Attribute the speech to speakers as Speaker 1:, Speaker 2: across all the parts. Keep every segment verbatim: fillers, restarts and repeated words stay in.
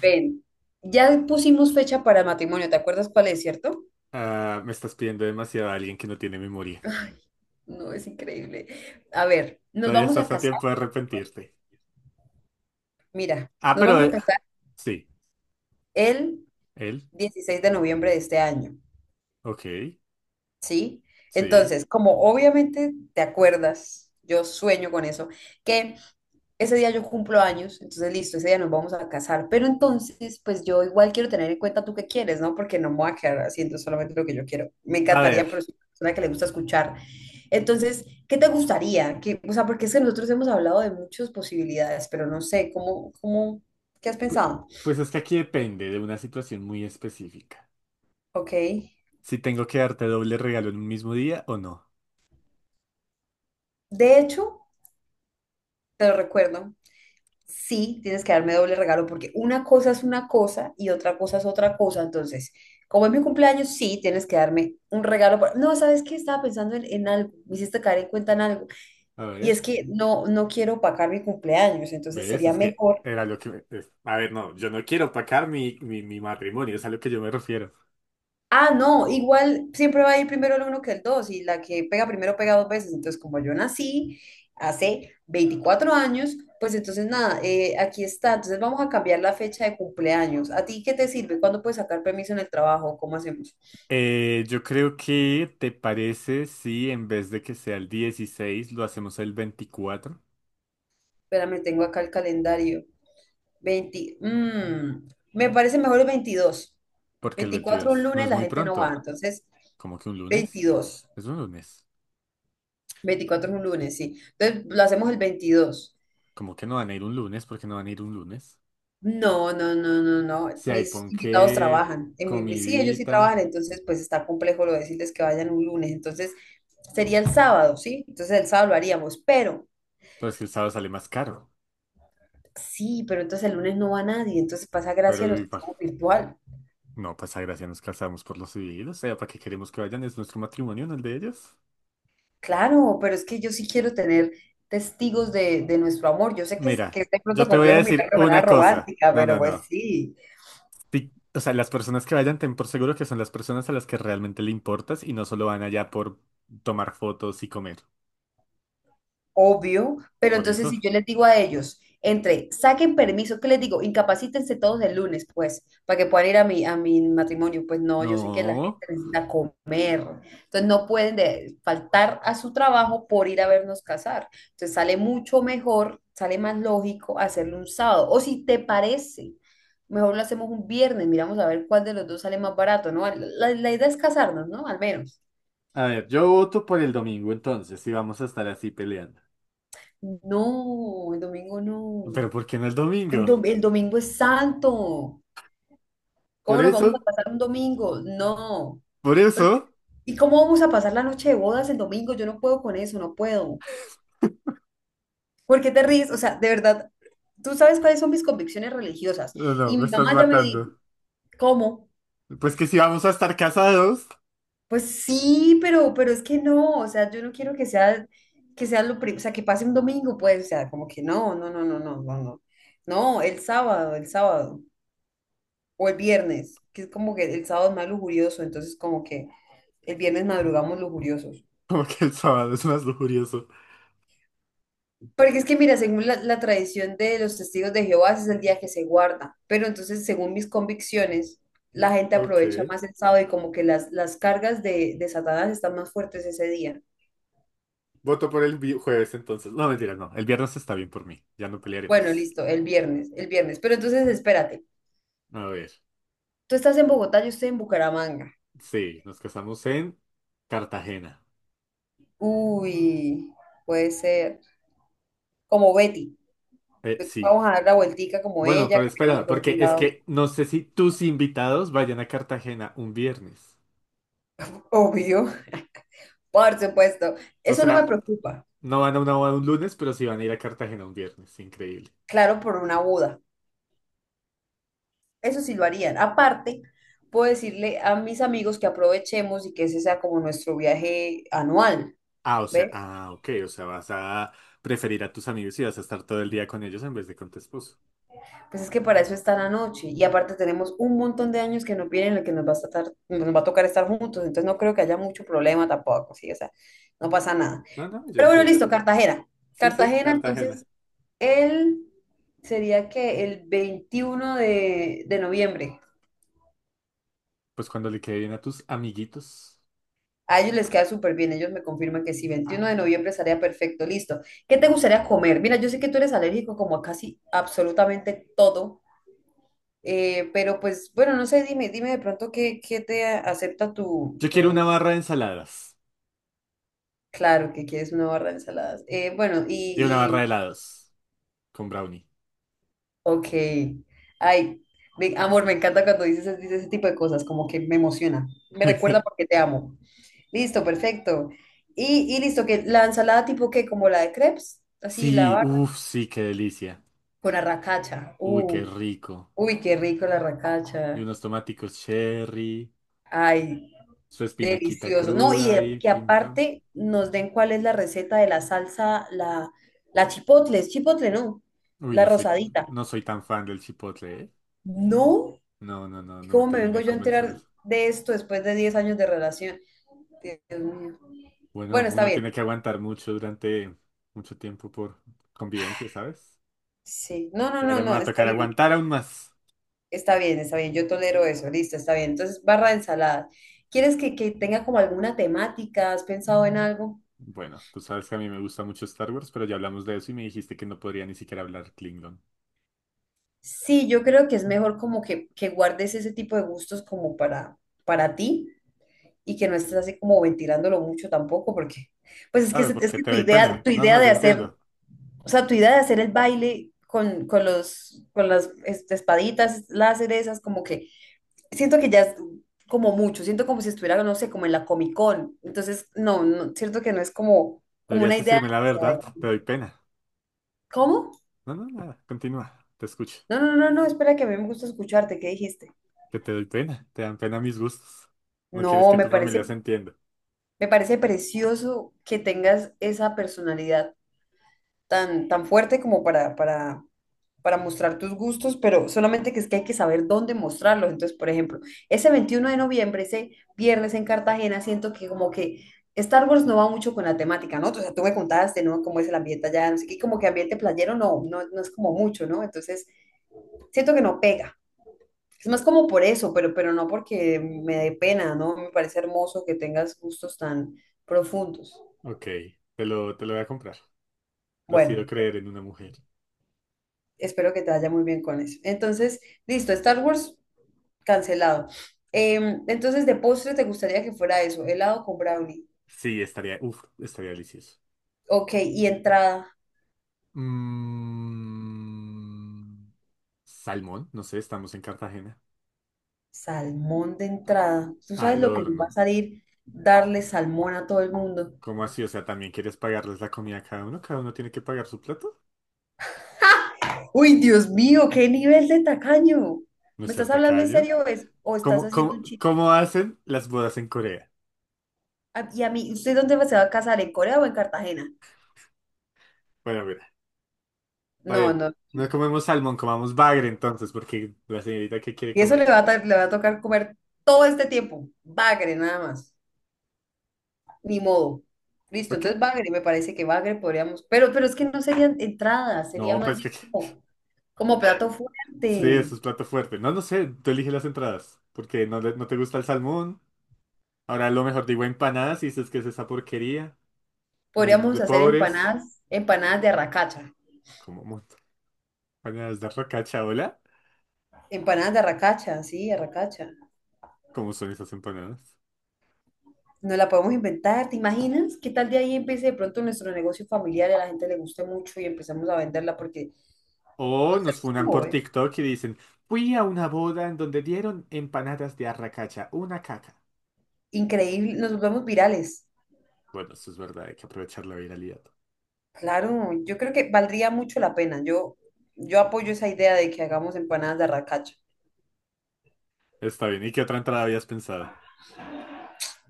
Speaker 1: Ven, ya pusimos fecha para matrimonio, ¿te acuerdas cuál es, cierto?
Speaker 2: Ah, me estás pidiendo demasiado a alguien que no tiene memoria.
Speaker 1: Ay, no, es increíble. A ver, nos
Speaker 2: Todavía
Speaker 1: vamos a
Speaker 2: estás a
Speaker 1: casar,
Speaker 2: tiempo de arrepentirte.
Speaker 1: mira,
Speaker 2: Ah,
Speaker 1: nos
Speaker 2: pero...
Speaker 1: vamos a
Speaker 2: eh,
Speaker 1: casar
Speaker 2: sí,
Speaker 1: el
Speaker 2: él.
Speaker 1: dieciséis de noviembre de este año,
Speaker 2: Ok,
Speaker 1: ¿sí?
Speaker 2: sí.
Speaker 1: Entonces, como obviamente te acuerdas, yo sueño con eso, que ese día yo cumplo años, entonces listo, ese día nos vamos a casar, pero entonces pues yo igual quiero tener en cuenta tú qué quieres, ¿no? Porque no me voy a quedar haciendo solamente lo que yo quiero. Me
Speaker 2: A
Speaker 1: encantaría,
Speaker 2: ver,
Speaker 1: pero soy una persona que le gusta escuchar. Entonces, ¿qué te gustaría? ¿Qué- o sea, porque es que nosotros hemos hablado de muchas posibilidades, pero no sé, ¿cómo, cómo, qué has
Speaker 2: pu-
Speaker 1: pensado?
Speaker 2: pues es que aquí depende de una situación muy específica.
Speaker 1: Ok.
Speaker 2: Si tengo que darte doble regalo en un mismo día o no.
Speaker 1: De hecho, te lo recuerdo, sí tienes que darme doble regalo porque una cosa es una cosa y otra cosa es otra cosa. Entonces, como es mi cumpleaños, sí tienes que darme un regalo. Por- no, ¿sabes qué? Estaba pensando en, en algo, me hiciste caer en cuenta en algo.
Speaker 2: A
Speaker 1: Y es
Speaker 2: ver,
Speaker 1: que no, no quiero opacar mi cumpleaños, entonces
Speaker 2: ¿ves?
Speaker 1: sería
Speaker 2: Es que
Speaker 1: mejor.
Speaker 2: era lo que... me- es- A ver, no, yo no quiero opacar mi, mi, mi matrimonio, es a lo que yo me refiero.
Speaker 1: Ah, no, igual siempre va a ir primero el uno que el dos y la que pega primero pega dos veces. Entonces, como yo nací hace veinticuatro años, pues entonces nada, eh, aquí está. Entonces vamos a cambiar la fecha de cumpleaños. ¿A ti qué te sirve? ¿Cuándo puedes sacar permiso en el trabajo? ¿Cómo hacemos?
Speaker 2: Eh, yo creo que te parece si en vez de que sea el dieciséis lo hacemos el veinticuatro.
Speaker 1: Espérame, tengo acá el calendario. veinte, mm, me parece mejor el veintidós.
Speaker 2: ¿Porque el
Speaker 1: veinticuatro un
Speaker 2: veintidós no
Speaker 1: lunes,
Speaker 2: es
Speaker 1: la
Speaker 2: muy
Speaker 1: gente no va.
Speaker 2: pronto?
Speaker 1: Entonces,
Speaker 2: Como que un lunes?
Speaker 1: veintidós,
Speaker 2: Es un lunes.
Speaker 1: veinticuatro es un lunes, sí. Entonces, lo hacemos el veintidós.
Speaker 2: Como que no van a ir un lunes? Porque no van a ir un lunes?
Speaker 1: No, no, no, no, no.
Speaker 2: Si hay
Speaker 1: Mis invitados
Speaker 2: ponqué,
Speaker 1: trabajan. En mi, sí, ellos sí trabajan,
Speaker 2: comidita,
Speaker 1: entonces pues está complejo lo de decirles que vayan un lunes. Entonces sería el sábado, ¿sí? Entonces el sábado lo haríamos, pero
Speaker 2: pues que el sábado sale más caro.
Speaker 1: sí, pero entonces el lunes no va nadie, entonces pasa gracia a
Speaker 2: Pero
Speaker 1: los
Speaker 2: y
Speaker 1: que
Speaker 2: pa-
Speaker 1: estamos virtual.
Speaker 2: no pasa gracia, nos casamos por los civiles. O sea, ¿para qué queremos que vayan? ¿Es nuestro matrimonio, no el de ellos?
Speaker 1: Claro, pero es que yo sí quiero tener testigos de, de nuestro amor. Yo sé que es,
Speaker 2: Mira,
Speaker 1: que es de
Speaker 2: yo
Speaker 1: pronto
Speaker 2: te voy a
Speaker 1: complejo mirarlo
Speaker 2: decir
Speaker 1: de manera
Speaker 2: una cosa.
Speaker 1: romántica,
Speaker 2: No,
Speaker 1: pero
Speaker 2: no,
Speaker 1: pues
Speaker 2: no.
Speaker 1: sí.
Speaker 2: Si- o sea, las personas que vayan, ten por seguro que son las personas a las que realmente le importas y no solo van allá por tomar fotos y comer.
Speaker 1: Obvio, pero
Speaker 2: Por
Speaker 1: entonces
Speaker 2: eso.
Speaker 1: si yo les digo a ellos, entre, saquen permiso, ¿qué les digo? Incapacítense todos el lunes, pues, para que puedan ir a mi, a mi matrimonio. Pues no, yo sé que la gente
Speaker 2: No.
Speaker 1: necesita comer, entonces no pueden de- faltar a su trabajo por ir a vernos casar. Entonces sale mucho mejor, sale más lógico hacerlo un sábado. O si te parece, mejor lo hacemos un viernes, miramos a ver cuál de los dos sale más barato, ¿no? La, la idea es casarnos, ¿no? Al menos.
Speaker 2: A ver, yo voto por el domingo entonces, si vamos a estar así peleando.
Speaker 1: No, el domingo no.
Speaker 2: Pero ¿por qué no el
Speaker 1: El,
Speaker 2: domingo?
Speaker 1: dom- el domingo es santo.
Speaker 2: Por
Speaker 1: ¿Cómo nos vamos
Speaker 2: eso,
Speaker 1: a pasar un domingo? No.
Speaker 2: por
Speaker 1: Pero,
Speaker 2: eso.
Speaker 1: ¿y cómo vamos a pasar la noche de bodas el domingo? Yo no puedo con eso, no puedo. ¿Por qué te ríes? O sea, de verdad, tú sabes cuáles son mis convicciones religiosas.
Speaker 2: No, no,
Speaker 1: Y
Speaker 2: me
Speaker 1: mi
Speaker 2: estás
Speaker 1: mamá ya me
Speaker 2: matando.
Speaker 1: dijo, ¿cómo?
Speaker 2: Pues que si vamos a estar casados,
Speaker 1: Pues sí, pero, pero es que no. O sea, yo no quiero que sea, que sea lo primero, o sea, que pase un domingo, pues, o sea, como que no, no, no, no, no, no, no. No, el sábado, el sábado. O el viernes, que es como que el sábado es más lujurioso, entonces como que... El viernes madrugamos lujuriosos.
Speaker 2: como que el sábado es más lujurioso.
Speaker 1: Porque es que, mira, según la, la tradición de los testigos de Jehová, ese es el día que se guarda. Pero entonces, según mis convicciones, la gente
Speaker 2: Ok.
Speaker 1: aprovecha más el sábado y como que las, las cargas de, de Satanás están más fuertes ese día.
Speaker 2: Voto por el vi- jueves entonces. No, mentira, no. El viernes está bien por mí. Ya no
Speaker 1: Bueno,
Speaker 2: pelearemos.
Speaker 1: listo, el viernes, el viernes. Pero entonces, espérate.
Speaker 2: A ver.
Speaker 1: Tú estás en Bogotá, yo estoy en Bucaramanga.
Speaker 2: Sí, nos casamos en Cartagena.
Speaker 1: Uy, puede ser. Como Betty.
Speaker 2: Eh,
Speaker 1: Ve-
Speaker 2: sí.
Speaker 1: vamos a dar la vueltica como
Speaker 2: Bueno,
Speaker 1: ella,
Speaker 2: pero
Speaker 1: caminamos
Speaker 2: espera,
Speaker 1: por
Speaker 2: porque
Speaker 1: algún
Speaker 2: es
Speaker 1: lado.
Speaker 2: que no sé si tus invitados vayan a Cartagena un viernes.
Speaker 1: Obvio. Por supuesto.
Speaker 2: O
Speaker 1: Eso no me
Speaker 2: sea,
Speaker 1: preocupa.
Speaker 2: no van a una boda un lunes, pero sí van a ir a Cartagena un viernes. Increíble.
Speaker 1: Claro, por una boda. Eso sí lo harían. Aparte, puedo decirle a mis amigos que aprovechemos y que ese sea como nuestro viaje anual.
Speaker 2: Ah, o sea,
Speaker 1: ¿Ves?
Speaker 2: ah, ok. O sea, vas a preferir a tus amigos y vas a estar todo el día con ellos en vez de con tu esposo.
Speaker 1: Pues es que para eso está la noche. Y aparte tenemos un montón de años que no vienen, en el que nos va a estar- nos va a tocar estar juntos. Entonces no creo que haya mucho problema tampoco, sí, o sea, no pasa nada.
Speaker 2: No, no, yo
Speaker 1: Pero bueno,
Speaker 2: entiendo.
Speaker 1: listo, Cartagena.
Speaker 2: Sí, sí,
Speaker 1: Cartagena,
Speaker 2: Cartagena.
Speaker 1: entonces, él sería que el veintiuno de, de noviembre.
Speaker 2: Pues cuando le quede bien a tus amiguitos.
Speaker 1: A ellos les queda súper bien, ellos me confirman que sí, veintiuno de noviembre estaría perfecto, listo. ¿Qué te gustaría comer? Mira, yo sé que tú eres alérgico como a casi absolutamente todo, eh, pero pues bueno, no sé, dime, dime de pronto qué, qué te acepta tu,
Speaker 2: Yo quiero una
Speaker 1: tu-
Speaker 2: barra de ensaladas
Speaker 1: claro que quieres una barra de ensaladas. Eh, bueno,
Speaker 2: y una
Speaker 1: y,
Speaker 2: barra de
Speaker 1: y,
Speaker 2: helados con brownie.
Speaker 1: ok. Ay, ve- amor, me encanta cuando dices, dices ese tipo de cosas, como que me emociona, me recuerda porque te amo. Listo, perfecto. Y, y listo, que la ensalada tipo qué, como la de crepes, así la
Speaker 2: Sí,
Speaker 1: barra.
Speaker 2: uff, sí, qué delicia.
Speaker 1: Con arracacha.
Speaker 2: Uy, qué
Speaker 1: Uh,
Speaker 2: rico.
Speaker 1: uy, qué rico la
Speaker 2: Y
Speaker 1: arracacha.
Speaker 2: unos tomáticos cherry,
Speaker 1: Ay,
Speaker 2: su espinaquita
Speaker 1: delicioso. No, y
Speaker 2: cruda
Speaker 1: de-
Speaker 2: y
Speaker 1: que
Speaker 2: pim pam.
Speaker 1: aparte nos den cuál es la receta de la salsa, la, la chipotle, es chipotle, ¿no?
Speaker 2: Uy,
Speaker 1: La
Speaker 2: no soy,
Speaker 1: rosadita.
Speaker 2: no soy tan fan del chipotle, ¿eh?
Speaker 1: No,
Speaker 2: No, no, no,
Speaker 1: ¿y
Speaker 2: no me
Speaker 1: cómo me
Speaker 2: termina
Speaker 1: vengo
Speaker 2: de
Speaker 1: yo a
Speaker 2: convencer
Speaker 1: enterar
Speaker 2: eso.
Speaker 1: de esto después de diez años de relación? Dios mío.
Speaker 2: Bueno,
Speaker 1: Bueno, está
Speaker 2: uno tiene
Speaker 1: bien.
Speaker 2: que aguantar mucho durante mucho tiempo por convivencia, ¿sabes?
Speaker 1: Sí, no, no,
Speaker 2: Y
Speaker 1: no,
Speaker 2: ahora me
Speaker 1: no,
Speaker 2: va a
Speaker 1: está
Speaker 2: tocar
Speaker 1: bien.
Speaker 2: aguantar aún más.
Speaker 1: Está bien, está bien, yo tolero eso, listo, está bien. Entonces, barra de ensaladas. ¿Quieres que, que tenga como alguna temática? ¿Has pensado en algo?
Speaker 2: Bueno, tú sabes que a mí me gusta mucho Star Wars, pero ya hablamos de eso y me dijiste que no podría ni siquiera hablar klingon.
Speaker 1: Sí, yo creo que es mejor como que, que guardes ese tipo de gustos como para, para ti y que no estés así como ventilándolo mucho tampoco, porque pues es que,
Speaker 2: Claro,
Speaker 1: se- es
Speaker 2: porque
Speaker 1: que
Speaker 2: te
Speaker 1: tu
Speaker 2: doy
Speaker 1: idea,
Speaker 2: pena.
Speaker 1: tu
Speaker 2: No,
Speaker 1: idea
Speaker 2: no, yo
Speaker 1: de hacer,
Speaker 2: entiendo.
Speaker 1: o sea, tu idea de hacer el baile con, con los, con las este, espaditas, láseres, esas como que siento que ya es como mucho, siento como si estuviera, no sé, como en la Comic Con, entonces no, no, siento que no es como, como
Speaker 2: Deberías
Speaker 1: una idea
Speaker 2: decirme la
Speaker 1: que sea de-
Speaker 2: verdad, te doy pena.
Speaker 1: ¿cómo?
Speaker 2: No, no, nada, continúa, te escucho.
Speaker 1: No, no, no, no, espera que a mí me gusta escucharte, ¿qué dijiste?
Speaker 2: Que te doy pena, te dan pena mis gustos. No quieres
Speaker 1: No,
Speaker 2: que
Speaker 1: me
Speaker 2: tu familia se
Speaker 1: parece.
Speaker 2: entienda.
Speaker 1: Me parece precioso que tengas esa personalidad tan, tan fuerte como para, para, para mostrar tus gustos, pero solamente que es que hay que saber dónde mostrarlos. Entonces, por ejemplo, ese veintiuno de noviembre, ese viernes en Cartagena, siento que como que Star Wars no va mucho con la temática, ¿no? O sea, tú me contaste, ¿no? Cómo es el ambiente allá, no sé qué, como que ambiente playero no, no, no es como mucho, ¿no? Entonces, siento que no pega. Es más como por eso, pero, pero no porque me dé pena, ¿no? Me parece hermoso que tengas gustos tan profundos.
Speaker 2: Ok, te lo, te lo voy a comprar. Decido
Speaker 1: Bueno, ok.
Speaker 2: creer en una mujer.
Speaker 1: Espero que te vaya muy bien con eso. Entonces, listo, Star Wars cancelado. Em, entonces, de postre te gustaría que fuera eso, helado con brownie.
Speaker 2: Sí, estaría, uf, estaría delicioso.
Speaker 1: Ok, y entrada,
Speaker 2: Mm, salmón, no sé, estamos en Cartagena.
Speaker 1: salmón de
Speaker 2: A-
Speaker 1: entrada. ¿Tú sabes
Speaker 2: Al
Speaker 1: lo que nos va
Speaker 2: horno.
Speaker 1: a salir darle salmón a todo el mundo?
Speaker 2: ¿Cómo así? O sea, ¿también quieres pagarles la comida a cada uno? ¿Cada uno tiene que pagar su plato?
Speaker 1: Uy, Dios mío, qué nivel de tacaño.
Speaker 2: ¿No es
Speaker 1: ¿Me
Speaker 2: ser
Speaker 1: estás hablando en
Speaker 2: tacaño?
Speaker 1: serio o, es- o estás
Speaker 2: ¿Cómo,
Speaker 1: haciendo
Speaker 2: cómo,
Speaker 1: un chiste?
Speaker 2: cómo hacen las bodas en Corea?
Speaker 1: Ah, y a mí, ¿usted dónde se va a casar? ¿En Corea o en Cartagena?
Speaker 2: Bueno, mira, está
Speaker 1: No,
Speaker 2: bien.
Speaker 1: no.
Speaker 2: No comemos salmón, comamos bagre entonces, porque la señorita que quiere
Speaker 1: Y eso le
Speaker 2: comer.
Speaker 1: va a, ta- le va a tocar comer todo este tiempo. Bagre, nada más. Ni modo. Listo,
Speaker 2: ¿Ok?
Speaker 1: entonces bagre, me parece que bagre podríamos, pero, pero es que no serían entradas, sería
Speaker 2: No,
Speaker 1: más
Speaker 2: pues
Speaker 1: bien
Speaker 2: que...
Speaker 1: como, como plato
Speaker 2: Sí,
Speaker 1: fuerte.
Speaker 2: eso es plato fuerte. No, no sé, tú eliges las entradas, porque no, le- no te gusta el salmón. Ahora lo mejor digo empanadas y dices que es esa porquería. Muy
Speaker 1: Podríamos
Speaker 2: de
Speaker 1: hacer
Speaker 2: pobres.
Speaker 1: empanadas, empanadas de arracacha,
Speaker 2: Como mu- Empanadas de racacha, hola.
Speaker 1: empanadas de arracacha, sí, arracacha.
Speaker 2: ¿Cómo son esas empanadas?
Speaker 1: Nos la podemos inventar, ¿te imaginas? ¿Qué tal de ahí empiece de pronto nuestro negocio familiar y a la gente le guste mucho y empezamos a venderla porque
Speaker 2: O
Speaker 1: nos
Speaker 2: nos
Speaker 1: tenemos que
Speaker 2: funan por
Speaker 1: mover?
Speaker 2: TikTok y dicen, fui a una boda en donde dieron empanadas de arracacha, una caca.
Speaker 1: Increíble, nos volvemos virales.
Speaker 2: Bueno, eso es verdad, hay que aprovechar la viralidad.
Speaker 1: Claro, yo creo que valdría mucho la pena. Yo, yo apoyo esa idea de que hagamos empanadas de arracacha.
Speaker 2: Está bien, ¿y qué otra entrada habías pensado?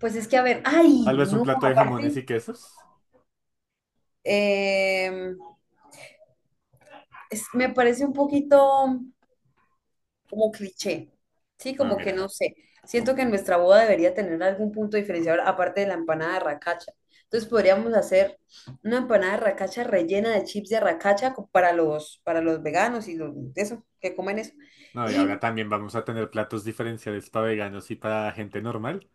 Speaker 1: Pues es que, a ver, ay,
Speaker 2: Tal vez un
Speaker 1: no,
Speaker 2: plato de jamones
Speaker 1: aparte,
Speaker 2: y quesos.
Speaker 1: eh, es- me parece un poquito como cliché, ¿sí?
Speaker 2: Bueno,
Speaker 1: Como que
Speaker 2: mira.
Speaker 1: no sé. Siento que nuestra boda debería tener algún punto diferenciador aparte de la empanada de racacha. Entonces podríamos hacer una empanada de racacha rellena de chips de racacha para los, para los veganos y los, de eso, que comen eso.
Speaker 2: No, y ahora
Speaker 1: Y
Speaker 2: también vamos a tener platos diferenciales para veganos y para gente normal.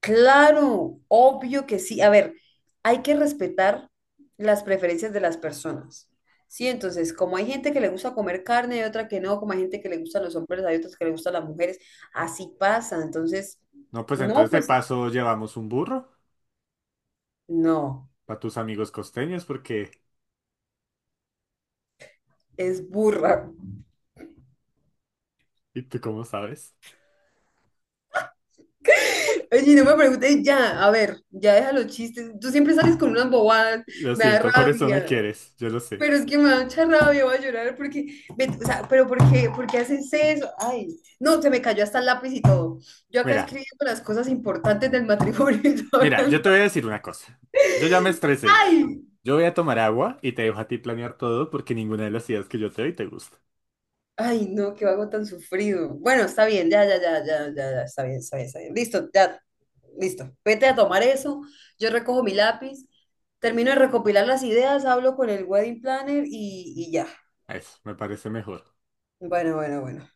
Speaker 1: claro, obvio que sí. A ver, hay que respetar las preferencias de las personas. Sí, entonces, como hay gente que le gusta comer carne, hay otra que no, como hay gente que le gustan los hombres, hay otras que le gustan las mujeres, así pasa. Entonces,
Speaker 2: No, pues
Speaker 1: no,
Speaker 2: entonces de
Speaker 1: pues
Speaker 2: paso llevamos un burro.
Speaker 1: no,
Speaker 2: Para tus amigos costeños, porque...
Speaker 1: es burra.
Speaker 2: ¿Y tú cómo sabes?
Speaker 1: Oye, no me preguntes ya, a ver, ya deja los chistes. Tú siempre sales con unas bobadas,
Speaker 2: Lo
Speaker 1: me da
Speaker 2: siento, por eso me
Speaker 1: rabia.
Speaker 2: quieres, yo lo sé.
Speaker 1: Pero es que me da mucha rabia, voy a llorar porque, ve- o sea, pero ¿por qué, por qué haces eso? Ay, no, se me cayó hasta el lápiz y todo. Yo acá
Speaker 2: Mira,
Speaker 1: escribiendo las cosas importantes del matrimonio y todo.
Speaker 2: mira, yo te voy a decir una cosa. Yo ya me estresé.
Speaker 1: Ay,
Speaker 2: Yo voy a tomar agua y te dejo a ti planear todo porque ninguna de las ideas que yo te doy te gusta.
Speaker 1: ay, no, qué vago tan sufrido. Bueno, está bien, ya, ya, ya, ya, ya, ya, está bien, está bien, está bien. Listo, ya, listo. Vete a tomar eso, yo recojo mi lápiz, termino de recopilar las ideas, hablo con el wedding planner y, y ya.
Speaker 2: Eso, me parece mejor.
Speaker 1: Bueno, bueno, bueno.